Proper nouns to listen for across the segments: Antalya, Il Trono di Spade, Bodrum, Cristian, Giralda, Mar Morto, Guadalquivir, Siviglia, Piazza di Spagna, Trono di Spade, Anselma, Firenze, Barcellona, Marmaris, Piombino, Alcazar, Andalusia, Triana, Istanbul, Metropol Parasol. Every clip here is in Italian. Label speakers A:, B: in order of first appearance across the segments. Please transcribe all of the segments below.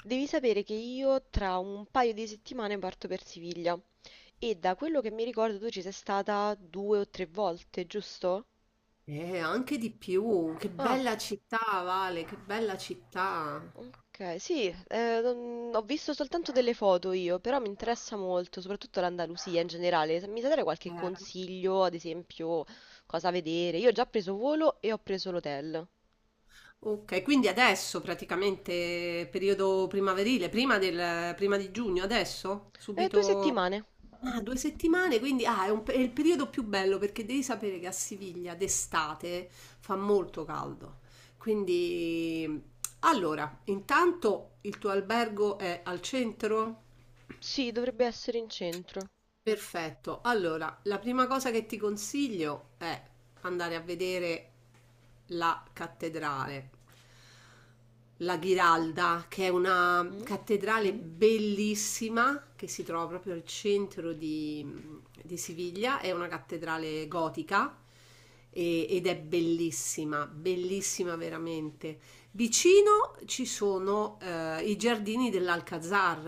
A: Devi sapere che io tra un paio di settimane parto per Siviglia e da quello che mi ricordo tu ci sei stata due o tre volte, giusto?
B: Anche di più, che
A: Ah,
B: bella città, Vale, che bella città.
A: ok, sì, ho visto soltanto delle foto io, però mi interessa molto, soprattutto l'Andalusia in generale. Se Mi sai dare qualche
B: Eh,
A: consiglio, ad esempio, cosa vedere? Io ho già preso volo e ho preso l'hotel.
B: ok, quindi adesso praticamente periodo primaverile, prima di giugno, adesso?
A: Due
B: Subito?
A: settimane.
B: Ah, 2 settimane, quindi è il periodo più bello perché devi sapere che a Siviglia d'estate fa molto caldo. Quindi, allora, intanto il tuo albergo è al centro?
A: Sì, dovrebbe essere in centro.
B: Perfetto. Allora, la prima cosa che ti consiglio è andare a vedere la cattedrale, la Giralda, che è una cattedrale bellissima che si trova proprio al centro di Siviglia. È una cattedrale gotica ed è bellissima, bellissima veramente. Vicino ci sono i giardini dell'Alcazar.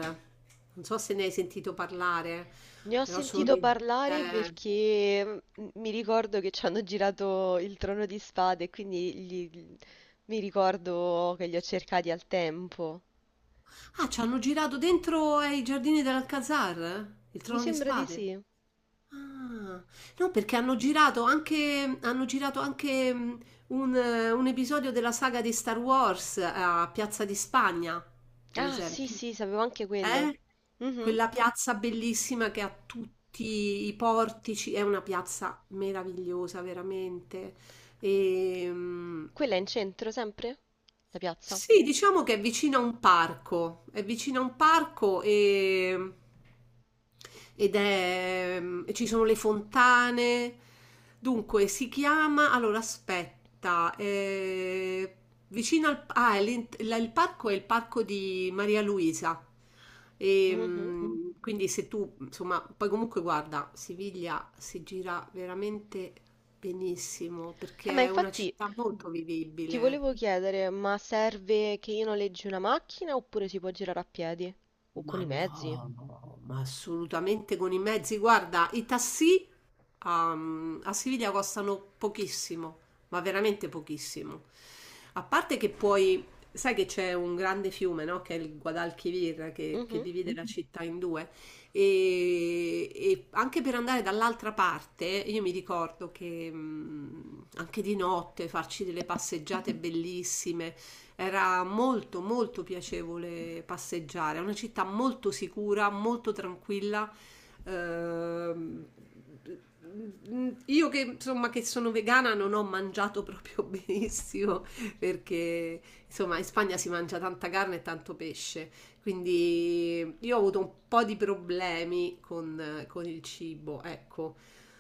B: Non so se ne hai sentito parlare,
A: Ne ho
B: però sono
A: sentito
B: di...
A: parlare
B: eh,
A: perché mi ricordo che ci hanno girato il Trono di Spade, mi ricordo che li ho cercati al tempo.
B: Ah, ci hanno girato dentro ai giardini dell'Alcazar? Il
A: Mi
B: Trono di
A: sembra di
B: Spade?
A: sì.
B: Ah, no, perché hanno girato anche un episodio della saga di Star Wars a Piazza di Spagna, per
A: Ah, sì,
B: esempio.
A: sì, sapevo anche quello.
B: Eh?
A: Mhm.
B: Quella piazza bellissima che ha tutti i portici, è una piazza meravigliosa, veramente. E,
A: Quella è in centro sempre? La piazza?
B: sì, diciamo che è vicino a un parco, è vicino a un parco e... ed è... e ci sono le fontane. Dunque, si chiama... Allora, aspetta, vicino al... Ah, è il parco è il parco di Maria Luisa. E,
A: Mhm.
B: quindi se tu, insomma, poi comunque guarda, Siviglia si gira veramente benissimo
A: Ma
B: perché è una
A: infatti
B: città molto
A: ti
B: vivibile.
A: volevo chiedere, ma serve che io noleggi una macchina oppure si può girare a piedi? O con
B: Ma
A: i mezzi?
B: no, ma assolutamente con i mezzi. Guarda, i tassì a Siviglia costano pochissimo, ma veramente pochissimo. A parte che sai che c'è un grande fiume, no? Che è il Guadalquivir, che
A: Mhm,
B: divide la città in due. E anche per andare dall'altra parte, io mi ricordo che anche di notte farci delle passeggiate bellissime, era molto molto piacevole passeggiare. È una città molto sicura, molto tranquilla. Ehm, io che insomma che sono vegana non ho mangiato proprio benissimo perché insomma in Spagna si mangia tanta carne e tanto pesce, quindi io ho avuto un po' di problemi con il cibo, ecco.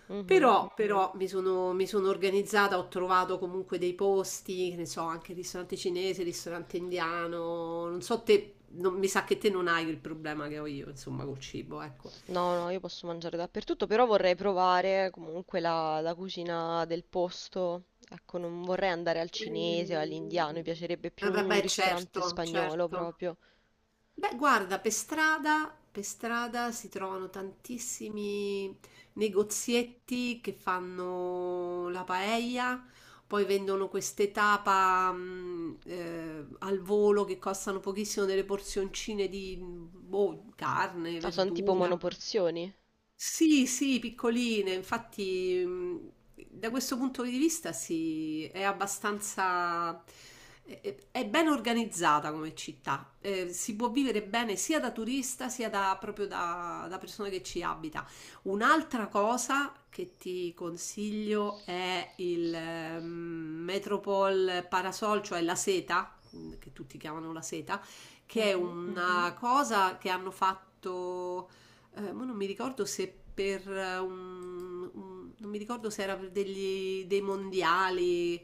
A: mhm.
B: Però mi sono organizzata, ho trovato comunque dei posti, che ne so, anche il ristorante cinese, il ristorante indiano, non so te, mi sa che te non hai il problema che ho io, insomma, col cibo, ecco.
A: No, no, io posso mangiare dappertutto, però vorrei provare comunque la cucina del posto. Ecco, non vorrei andare al cinese o all'indiano, mi piacerebbe più un
B: Vabbè,
A: ristorante
B: certo,
A: spagnolo
B: certo.
A: proprio.
B: Beh, guarda, per strada si trovano tantissimi negozietti che fanno la paella, poi vendono queste tapa al volo che costano pochissimo delle porzioncine di boh, carne,
A: Ah, sono tipo
B: verdura.
A: monoporzioni.
B: Sì, sì, piccoline, infatti da questo punto di vista sì, è abbastanza, è ben organizzata come città, si può vivere bene sia da turista sia da persona che ci abita. Un'altra cosa che ti consiglio è il Metropol Parasol, cioè la seta, che tutti chiamano la seta, che è
A: Mhm.
B: una cosa che hanno fatto mo non mi ricordo se per non mi ricordo se era per dei mondiali.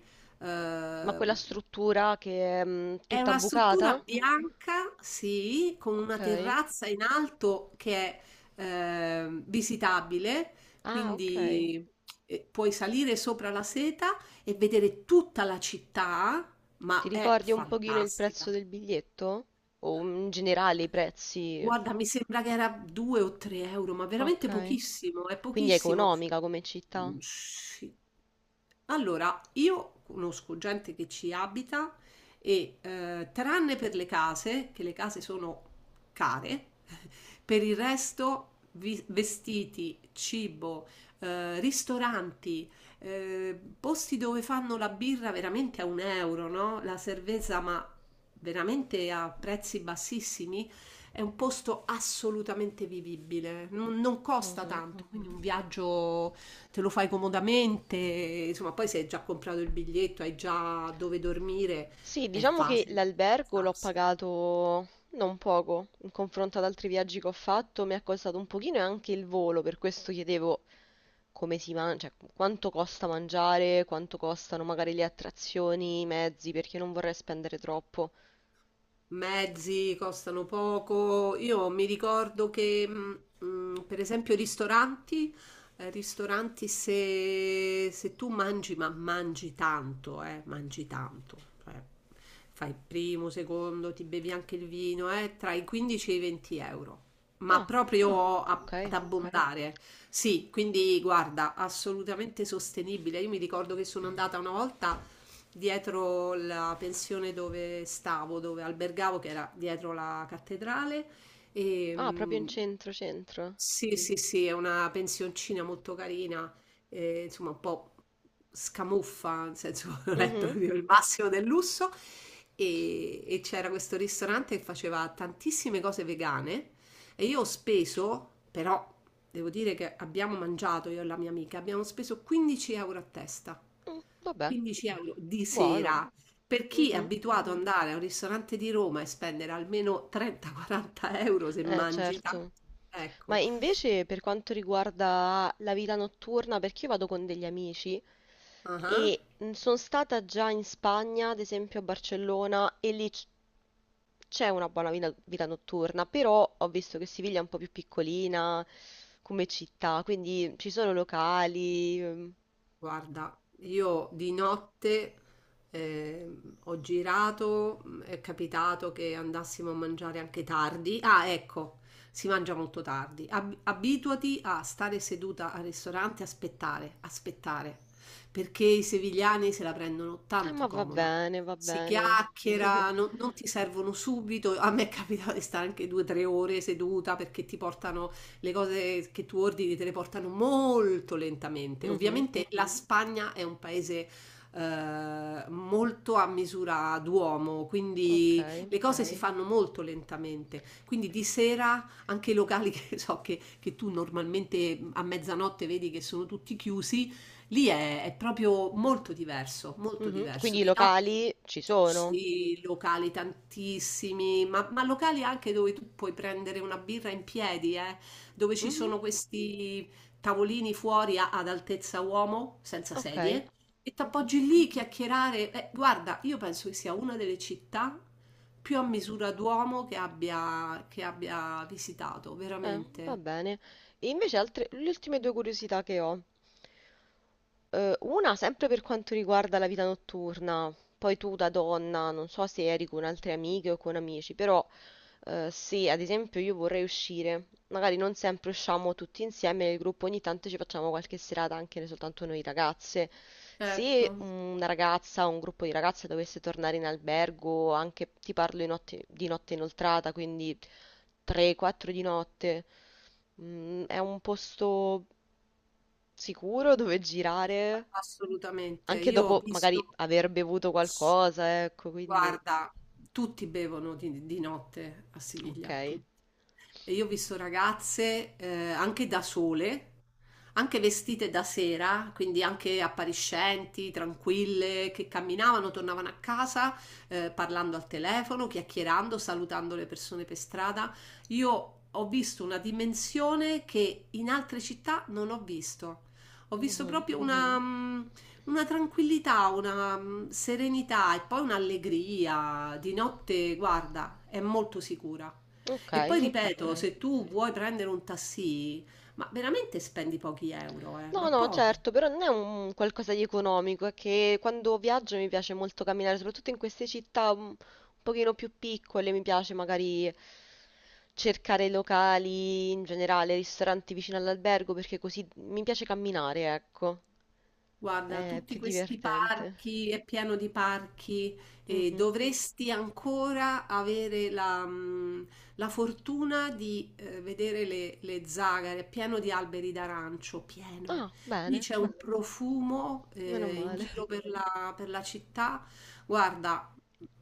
A: Ma
B: Eh,
A: quella struttura che è
B: è
A: tutta
B: una struttura
A: bucata?
B: bianca, sì, con una
A: Ok.
B: terrazza in alto che è visitabile,
A: Ah, ok.
B: quindi puoi salire sopra la seta e vedere tutta la città,
A: Ti
B: ma è
A: ricordi un pochino il prezzo
B: fantastica.
A: del biglietto? O in generale i prezzi?
B: Guarda, mi sembra che era 2 o 3 euro, ma veramente
A: Ok.
B: pochissimo, è
A: Quindi è
B: pochissimo.
A: economica come città?
B: Mhmm, sì. Allora, io conosco gente che ci abita e, tranne per le case, che le case sono care, per il resto vi vestiti, cibo, ristoranti, posti dove fanno la birra veramente a 1 €, no, la cervesa, ma veramente a prezzi bassissimi, è un posto assolutamente vivibile. Non costa
A: Mhm.
B: tanto, quindi un viaggio te lo fai comodamente, insomma, poi se hai già comprato il biglietto, hai già dove dormire,
A: Sì,
B: è
A: diciamo che
B: facile.
A: l'albergo l'ho pagato non poco in confronto ad altri viaggi che ho fatto, mi è costato un pochino e anche il volo, per questo chiedevo come si mangia, cioè, quanto costa mangiare, quanto costano magari le attrazioni, i mezzi, perché non vorrei spendere troppo.
B: Mezzi costano poco. Io mi ricordo che, per esempio, ristoranti se tu mangi, ma mangi tanto, cioè, fai il primo, secondo, ti bevi anche il vino, tra i 15 e i 20 euro. Ma
A: Ah,
B: proprio
A: ok.
B: ad abbondare, sì, quindi guarda, assolutamente sostenibile. Io mi ricordo che sono andata una volta dietro la pensione dove stavo, dove albergavo, che era dietro la cattedrale. E,
A: Ah, proprio in centro, centro.
B: sì, sì, sì, è una pensioncina molto carina, insomma un po' scamuffa, nel senso non è
A: Mhm.
B: proprio il massimo del lusso. E c'era questo ristorante che faceva tantissime cose vegane e io ho speso, però devo dire che abbiamo mangiato io e la mia amica, abbiamo speso 15 euro a testa.
A: Mm, vabbè,
B: 15 euro di
A: buono.
B: sera. Per chi è
A: Mhm.
B: abituato ad andare a un ristorante di Roma e spendere almeno 30-40 euro se mangi tanto,
A: Certo. Ma
B: ecco.
A: invece per quanto riguarda la vita notturna, perché io vado con degli amici,
B: Ah.
A: e sono stata già in Spagna, ad esempio a Barcellona, e c'è una buona vita notturna, però ho visto che Siviglia è un po' più piccolina come città, quindi ci sono locali. Ehm.
B: Guarda, io di notte ho girato, è capitato che andassimo a mangiare anche tardi. Ah, ecco, si mangia molto tardi. Abituati a stare seduta al ristorante, aspettare, aspettare, perché i sevigliani se la prendono
A: Ma
B: tanto
A: va
B: comoda.
A: bene, va
B: Si
A: bene.
B: chiacchiera, non ti servono subito. A me è capitato di stare anche 2 o 3 ore seduta perché ti portano le cose che tu ordini te le portano molto lentamente.
A: Mhm,
B: Ovviamente la Spagna è un paese molto a misura d'uomo, quindi
A: ok.
B: le cose si fanno molto lentamente. Quindi di sera anche i locali che so che tu normalmente a mezzanotte vedi che sono tutti chiusi, lì è proprio molto diverso, molto
A: Mhm.
B: diverso.
A: Quindi i
B: Di notte
A: locali ci sono.
B: sì, locali tantissimi, ma locali anche dove tu puoi prendere una birra in piedi, dove ci
A: Mhm,
B: sono questi tavolini fuori ad altezza uomo, senza
A: ok.
B: sedie, e
A: Mhm.
B: t'appoggi lì chiacchierare. Guarda, io penso che sia una delle città più a misura d'uomo che abbia visitato,
A: Va
B: veramente.
A: bene. E invece altre, le ultime due curiosità che ho. Una sempre per quanto riguarda la vita notturna, poi tu da donna, non so se eri con altre amiche o con amici, però se ad esempio io vorrei uscire, magari non sempre usciamo tutti insieme nel gruppo, ogni tanto ci facciamo qualche serata anche soltanto noi ragazze. Se
B: Certo.
A: una ragazza o un gruppo di ragazze dovesse tornare in albergo, anche ti parlo di notte inoltrata, quindi 3-4 di notte. Mm, è un posto sicuro dove girare,
B: Assolutamente.
A: anche
B: Io ho
A: dopo magari
B: visto.
A: aver bevuto qualcosa, ecco, quindi...
B: Guarda, tutti bevono di notte a Siviglia,
A: Ok.
B: tutti. E io ho visto ragazze anche da sole, anche vestite da sera, quindi anche appariscenti, tranquille, che camminavano, tornavano a casa parlando al telefono, chiacchierando, salutando le persone per strada. Io ho visto una dimensione che in altre città non ho visto. Ho visto
A: Mhm.
B: proprio una tranquillità, una serenità e poi un'allegria di notte, guarda, è molto sicura.
A: Ok,
B: E poi
A: ok.
B: ripeto, se tu vuoi prendere un taxi, ma veramente spendi pochi euro,
A: No,
B: ma
A: no,
B: pochi.
A: certo, però non è un qualcosa di economico, è che quando viaggio mi piace molto camminare, soprattutto in queste città un pochino più piccole, mi piace magari cercare locali, in generale, ristoranti vicino all'albergo, perché così mi piace camminare, ecco,
B: Guarda,
A: è
B: tutti
A: più
B: questi
A: divertente.
B: parchi, è pieno di parchi, e
A: Mhm.
B: dovresti ancora avere la fortuna di vedere le zagare, è pieno di alberi d'arancio, pieno.
A: Ah,
B: Lì
A: bene.
B: c'è un profumo
A: Meno
B: in
A: male.
B: giro per la città. Guarda,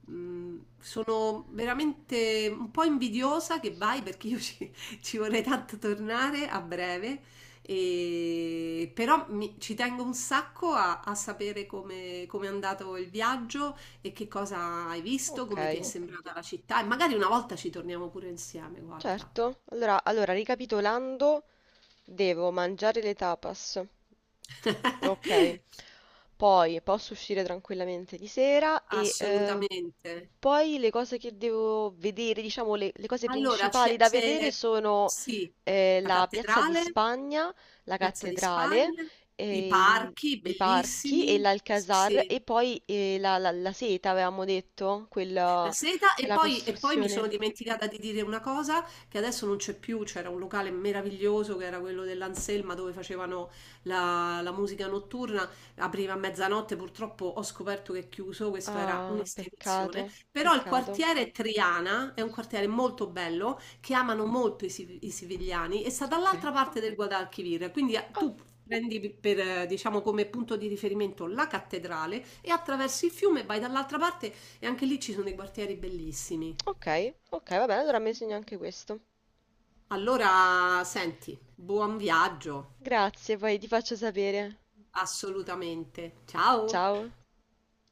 B: sono veramente un po' invidiosa che vai perché io ci, ci vorrei tanto tornare a breve. Però ci tengo un sacco a sapere come è andato il viaggio e che cosa hai visto,
A: Ok,
B: come ti è sembrata la città e magari una volta ci torniamo pure insieme, guarda.
A: certo. Allora, allora, ricapitolando, devo mangiare le tapas. Ok. Poi posso uscire tranquillamente di sera e
B: Assolutamente.
A: poi le cose che devo vedere, diciamo le cose
B: Allora,
A: principali da vedere sono
B: sì, la
A: la Piazza di
B: cattedrale,
A: Spagna, la
B: Piazza di
A: cattedrale,
B: Spagna, i
A: e
B: parchi
A: i parchi e
B: bellissimi, sì,
A: l'Alcazar
B: sì.
A: e poi la seta, avevamo detto,
B: La
A: quella,
B: seta
A: quella
B: e poi mi sono
A: costruzione.
B: dimenticata di dire una cosa che adesso non c'è più, c'era un locale meraviglioso che era quello dell'Anselma dove facevano la musica notturna, apriva a mezzanotte, purtroppo ho scoperto che è chiuso, questo era
A: Ah,
B: un'istituzione,
A: peccato,
B: però il
A: peccato.
B: quartiere Triana è un quartiere molto bello che amano molto i sivigliani e sta
A: Ok.
B: dall'altra parte del Guadalquivir, quindi
A: Ah,
B: tu prendi per, diciamo, come punto di riferimento la cattedrale e attraversi il fiume vai dall'altra parte e anche lì ci sono dei quartieri bellissimi.
A: ok, ok, va bene, allora mi segno anche questo.
B: Allora, senti, buon viaggio,
A: Grazie, poi ti faccio sapere.
B: assolutamente. Ciao!
A: Ciao.